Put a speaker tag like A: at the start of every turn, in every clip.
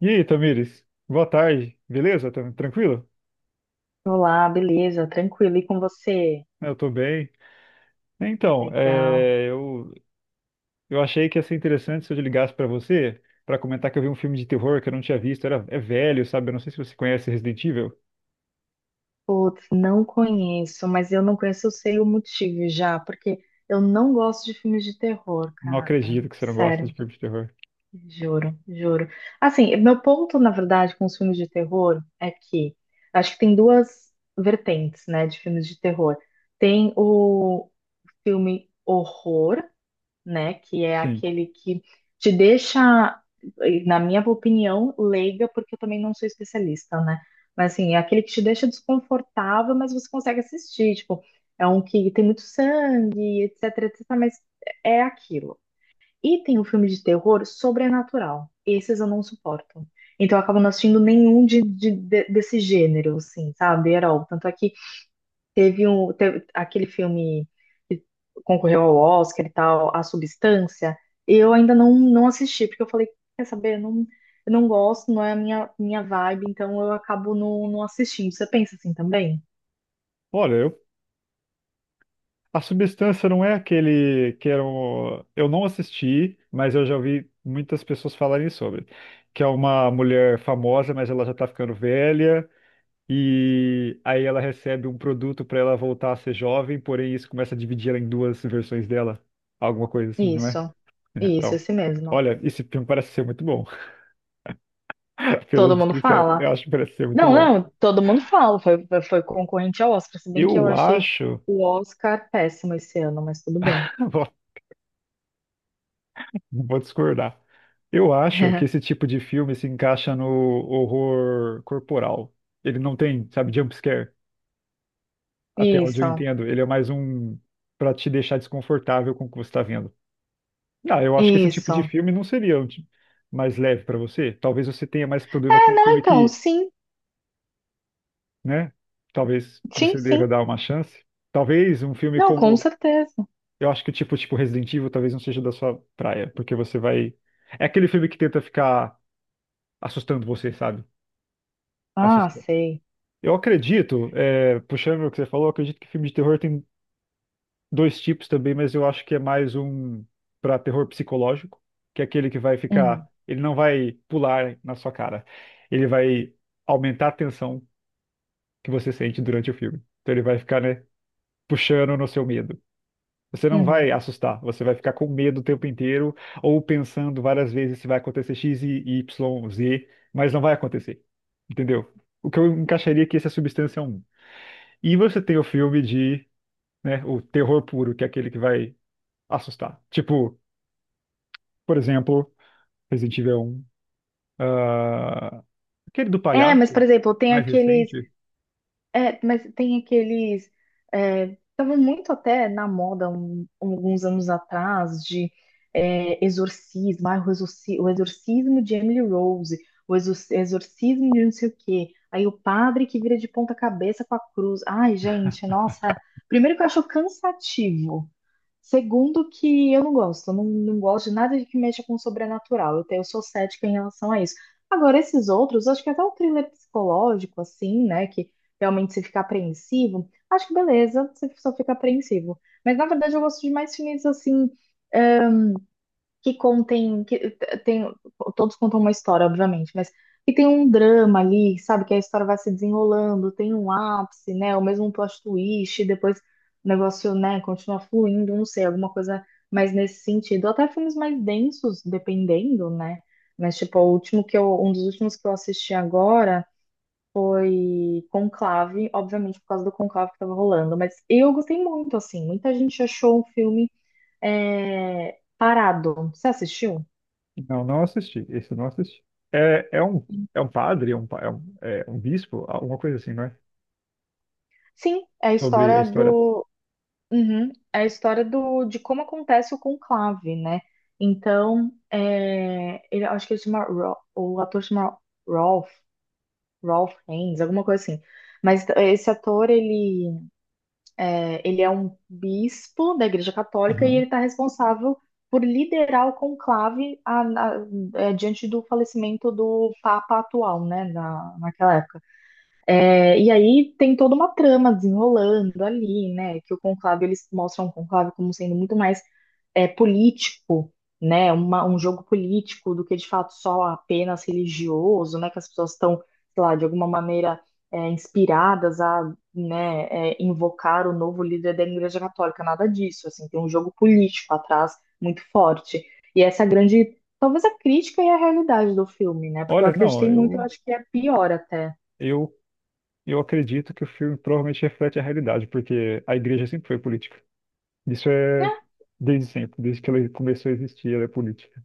A: E aí, Tamires? Boa tarde. Beleza? Tá tranquilo?
B: Olá, beleza? Tranquilo. E com você?
A: Eu tô bem. Então,
B: Legal.
A: eu achei que ia ser interessante se eu ligasse pra você pra comentar que eu vi um filme de terror que eu não tinha visto. É velho, sabe? Eu não sei se você conhece Resident Evil.
B: Putz, não conheço, mas eu não conheço, eu sei o motivo já, porque eu não gosto de filmes de terror,
A: Não
B: cara.
A: acredito que você não gosta de
B: Sério,
A: filme de terror.
B: juro, juro. Assim, meu ponto, na verdade, com os filmes de terror é que acho que tem duas vertentes, né, de filmes de terror. Tem o filme horror, né? Que é
A: Sim.
B: aquele que te deixa, na minha opinião, leiga, porque eu também não sou especialista, né? Mas assim, é aquele que te deixa desconfortável, mas você consegue assistir, tipo, é um que tem muito sangue, etc, etc, mas é aquilo. E tem o filme de terror sobrenatural. Esses eu não suporto. Então eu acabo não assistindo nenhum desse gênero, assim, sabe? At all. Tanto é que teve aquele filme concorreu ao Oscar e tal, A Substância, eu ainda não assisti, porque eu falei, quer saber, eu não gosto, não é a minha vibe, então eu acabo não assistindo. Você pensa assim também?
A: Olha, a substância não é aquele que era um, eu não assisti, mas eu já ouvi muitas pessoas falarem sobre, que é uma mulher famosa, mas ela já tá ficando velha. E aí ela recebe um produto para ela voltar a ser jovem, porém isso começa a dividir ela em duas versões dela. Alguma coisa assim, não é?
B: Isso,
A: É.
B: isso,
A: Então,
B: esse mesmo.
A: olha, esse filme parece ser muito bom. Pela
B: Todo mundo
A: descrição, eu
B: fala?
A: acho que parece ser muito
B: Não,
A: bom.
B: não, todo mundo fala, foi concorrente ao Oscar, se bem que eu
A: Eu
B: achei
A: acho,
B: o Oscar péssimo esse ano, mas tudo bem.
A: vou, vou discordar. Eu acho que esse tipo de filme se encaixa no horror corporal. Ele não tem, sabe, jump scare, até onde eu
B: Isso,
A: entendo. Ele é mais um para te deixar desconfortável com o que você está vendo. Ah, eu acho que esse tipo
B: isso.
A: de
B: É,
A: filme não seria um mais leve para você. Talvez você tenha mais problema com um
B: não,
A: filme
B: então,
A: que,
B: sim,
A: né? Talvez
B: sim,
A: você
B: sim.
A: deva dar uma chance. Talvez um filme
B: Não, com
A: como,
B: certeza.
A: eu acho que tipo Resident Evil talvez não seja da sua praia, porque você vai, é aquele filme que tenta ficar assustando você, sabe?
B: Ah,
A: Assustando.
B: sei.
A: Eu acredito, é, puxando o que você falou, eu acredito que filme de terror tem dois tipos também, mas eu acho que é mais um para terror psicológico, que é aquele que vai ficar,
B: Uhum,
A: ele não vai pular na sua cara. Ele vai aumentar a tensão que você sente durante o filme. Então ele vai ficar, né, puxando no seu medo. Você não
B: uhum.
A: vai assustar, você vai ficar com medo o tempo inteiro ou pensando várias vezes se vai acontecer X e Y, Z, mas não vai acontecer. Entendeu? O que eu encaixaria aqui, essa substância é um. E você tem o filme de, né, o terror puro, que é aquele que vai assustar. Tipo, por exemplo, Resident Evil um, ah, aquele do
B: É, mas,
A: palhaço,
B: por exemplo, tem
A: mais
B: aqueles.
A: recente.
B: É, mas tem aqueles. É, tava muito até na moda alguns anos atrás de exorcismo, ah, o exorcismo de Emily Rose, o exorcismo de não sei o quê. Aí o padre que vira de ponta cabeça com a cruz. Ai, gente, nossa. Primeiro que eu acho cansativo. Segundo que eu não gosto, eu não gosto de nada de que mexa com o sobrenatural. Eu sou cética em relação a isso. Agora, esses outros, acho que até o thriller psicológico, assim, né? Que realmente você fica apreensivo, acho que beleza, você só fica apreensivo. Mas na verdade eu gosto de mais filmes assim que contem, que tem, todos contam uma história, obviamente, mas que tem um drama ali, sabe? Que a história vai se desenrolando, tem um ápice, né? Ou mesmo um plot twist, e depois o negócio, né, continua fluindo, não sei, alguma coisa mais nesse sentido. Até filmes mais densos, dependendo, né? Mas, tipo, o último que eu, um dos últimos que eu assisti agora foi Conclave, obviamente por causa do Conclave que tava rolando, mas eu gostei muito, assim, muita gente achou o filme parado. Você assistiu?
A: Não, não assisti. Esse eu não assisti. É, é um, é um padre, é um bispo, alguma coisa assim, não é?
B: Sim, é a
A: Sobre a
B: história
A: história.
B: do. Uhum, é a história do, de como acontece o conclave, né? Então, acho que ele chama. O ator chama Rolf, Rolf Haines, alguma coisa assim. Mas esse ator, ele é um bispo da Igreja Católica e
A: Aham.
B: ele está responsável por liderar o conclave diante do falecimento do Papa atual, né? Naquela época. E aí tem toda uma trama desenrolando ali, né? Que o conclave, eles mostram o conclave como sendo muito mais político, né? Um jogo político do que de fato só apenas religioso, né? Que as pessoas estão, sei lá, de alguma maneira inspiradas a, né, invocar o novo líder da Igreja Católica, nada disso, assim, tem um jogo político atrás muito forte. E essa é a grande, talvez a crítica e a realidade do filme, né? Porque eu
A: Olha, não,
B: acreditei muito, eu acho que é pior até.
A: eu, eu acredito que o filme provavelmente reflete a realidade, porque a igreja sempre foi política. Isso
B: Né?
A: é desde sempre, desde que ela começou a existir, ela é política.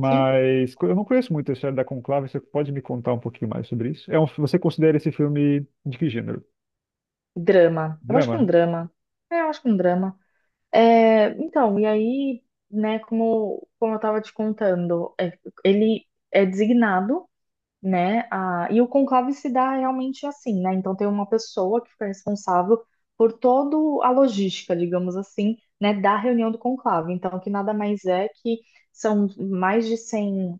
B: Sim.
A: eu não conheço muito a história da Conclave. Você pode me contar um pouquinho mais sobre isso? É um, você considera esse filme de que gênero?
B: Drama. Eu acho que é um
A: Drama?
B: drama. É, eu acho que é um drama. É, então, e aí, né, como eu tava te contando, ele é designado, né, e o conclave se dá realmente assim, né? Então tem uma pessoa que fica responsável por toda a logística, digamos assim, né, da reunião do conclave. Então, que nada mais é que são mais de 100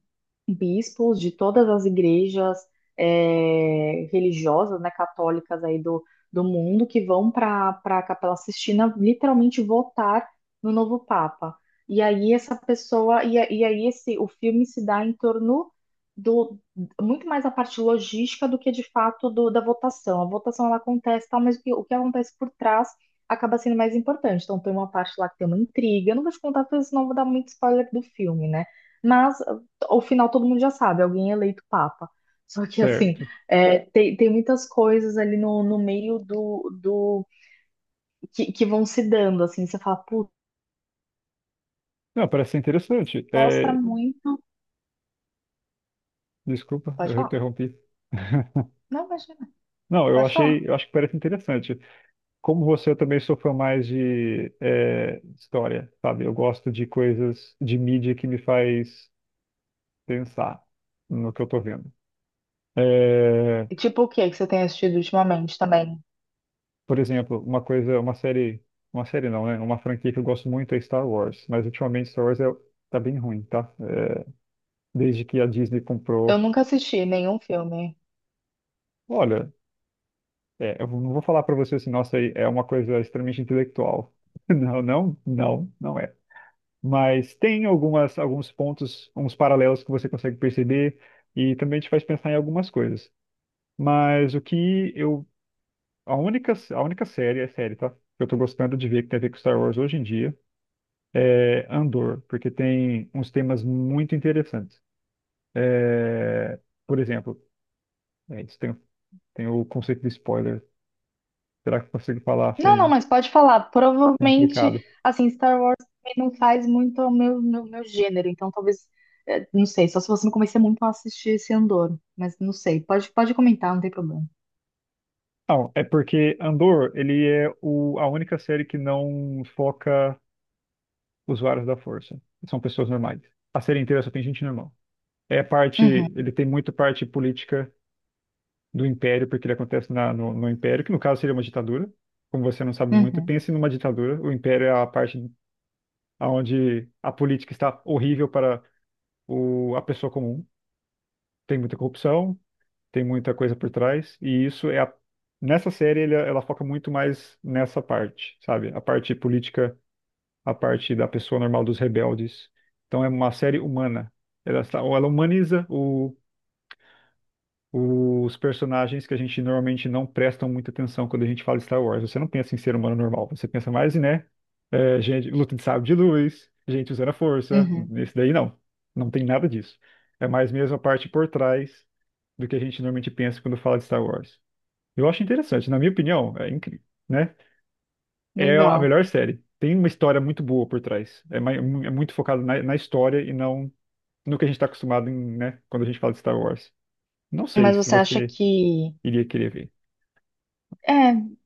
B: bispos de todas as igrejas religiosas, né, católicas aí do mundo, que vão para a Capela Sistina literalmente votar no novo Papa. E aí essa pessoa, e aí esse, o filme se dá em torno do, muito mais a parte logística do que de fato do, da votação. A votação ela acontece, tal, mas o que acontece por trás acaba sendo mais importante. Então tem uma parte lá que tem uma intriga, eu não vou te contar, porque senão eu vou dar muito spoiler do filme, né? Mas o final todo mundo já sabe, alguém é eleito papa. Só que, assim,
A: Certo.
B: é, tem muitas coisas ali no meio do que vão se dando, assim. Você fala, putz,
A: Não, parece ser interessante.
B: mostra
A: É,
B: muito.
A: desculpa,
B: Pode
A: eu
B: falar.
A: interrompi.
B: Não, imagina,
A: Não, eu
B: pode falar.
A: achei, eu acho que parece interessante. Como você, eu também sou fã mais de é, história, sabe? Eu gosto de coisas de mídia que me faz pensar no que eu tô vendo. É,
B: E tipo, o que é que você tem assistido ultimamente também?
A: por exemplo, uma coisa, uma série não, né? Uma franquia que eu gosto muito é Star Wars, mas ultimamente Star Wars tá bem ruim, tá? É, desde que a Disney
B: Eu
A: comprou,
B: nunca assisti nenhum filme.
A: olha, é, eu não vou falar pra você assim, nossa, é uma coisa extremamente intelectual. Não, não é. Mas tem algumas, alguns pontos, uns paralelos que você consegue perceber e também te faz pensar em algumas coisas. Mas o que eu, a única série, é série, tá? Que eu tô gostando de ver que tem a ver com Star Wars hoje em dia é, Andor, porque tem uns temas muito interessantes. É, por exemplo, é, isso tem, tem o conceito de spoiler. Será que eu consigo falar?
B: Não, não,
A: Achei
B: mas pode falar. Provavelmente,
A: complicado.
B: assim, Star Wars também não faz muito o meu gênero, então talvez, é, não sei, só se você me convencer muito a assistir esse Andor, mas não sei. Pode comentar, não tem problema.
A: Não, é porque Andor, ele é a única série que não foca usuários da Força. São pessoas normais. A série inteira só tem gente normal. É a parte,
B: Uhum.
A: ele tem muito parte política do Império, porque ele acontece no Império, que no caso seria uma ditadura. Como você não sabe muito,
B: Uhum,
A: pense numa ditadura. O Império é a parte onde a política está horrível para o, a pessoa comum. Tem muita corrupção, tem muita coisa por trás, e isso é a, nessa série ela foca muito mais nessa parte, sabe? A parte política, a parte da pessoa normal, dos rebeldes. Então é uma série humana. Ela ou ela humaniza os personagens que a gente normalmente não prestam muita atenção quando a gente fala Star Wars. Você não pensa em ser humano normal, você pensa mais, em, né? É, gente, luta de sabre de luz, gente usando a força.
B: uhum,
A: Nesse daí não. Não tem nada disso. É mais mesmo a parte por trás do que a gente normalmente pensa quando fala de Star Wars. Eu acho interessante, na minha opinião, é incrível, né? É a
B: legal.
A: melhor série. Tem uma história muito boa por trás. É muito focado na, na história e não no que a gente está acostumado em, né, quando a gente fala de Star Wars. Não sei
B: Mas
A: se
B: você acha
A: você
B: que.
A: iria querer ver.
B: É,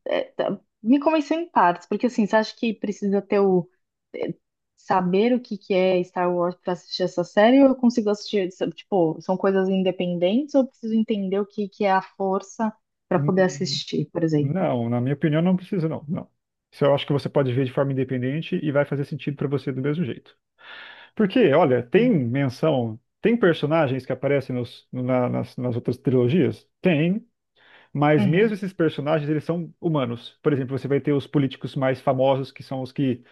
B: me convenceu em partes, porque assim, você acha que precisa ter o. É, saber o que que é Star Wars para assistir essa série, ou eu consigo assistir, sabe, tipo, são coisas independentes, ou eu preciso entender o que que é a força para poder
A: Hum,
B: assistir, por exemplo?
A: Não, na minha opinião, não precisa, não. Isso eu acho que você pode ver de forma independente e vai fazer sentido pra você do mesmo jeito. Porque, olha, tem
B: Uhum,
A: menção, tem personagens que aparecem nas outras trilogias? Tem, mas mesmo
B: uhum,
A: esses personagens, eles são humanos. Por exemplo, você vai ter os políticos mais famosos, que são os que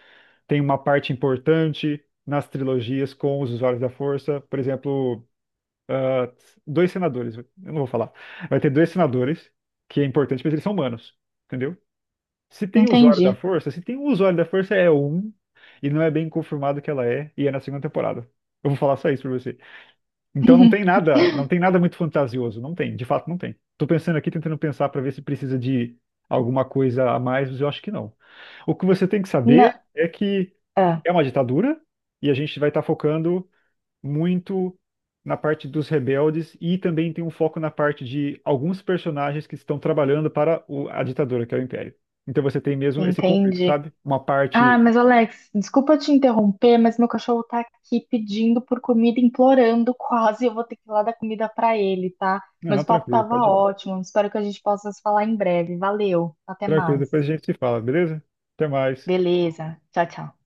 A: têm uma parte importante nas trilogias com os usuários da força. Por exemplo, ah, dois senadores, eu não vou falar. Vai ter dois senadores, que é importante, mas eles são humanos. Entendeu? Se tem usuário da
B: entendi.
A: força, se tem um usuário da força é um, e não é bem confirmado que ela é, e é na segunda temporada. Eu vou falar só isso pra você. Então não tem nada, não tem nada muito fantasioso, não tem, de fato não tem. Tô pensando aqui, tentando pensar pra ver se precisa de alguma coisa a mais, mas eu acho que não. O que você tem que saber
B: Não,
A: é que
B: é,
A: é uma ditadura e a gente vai estar focando muito na parte dos rebeldes e também tem um foco na parte de alguns personagens que estão trabalhando para a ditadura, que é o Império. Então você tem mesmo esse conflito,
B: entendi.
A: sabe? Uma
B: Ah,
A: parte.
B: mas Alex, desculpa te interromper, mas meu cachorro tá aqui pedindo por comida, implorando quase. Eu vou ter que ir lá dar comida pra ele, tá?
A: Não,
B: Mas
A: não,
B: o papo
A: tranquilo,
B: tava
A: pode ir lá.
B: ótimo. Espero que a gente possa se falar em breve. Valeu, até
A: Tranquilo,
B: mais.
A: depois a gente se fala, beleza? Até mais.
B: Beleza, tchau, tchau.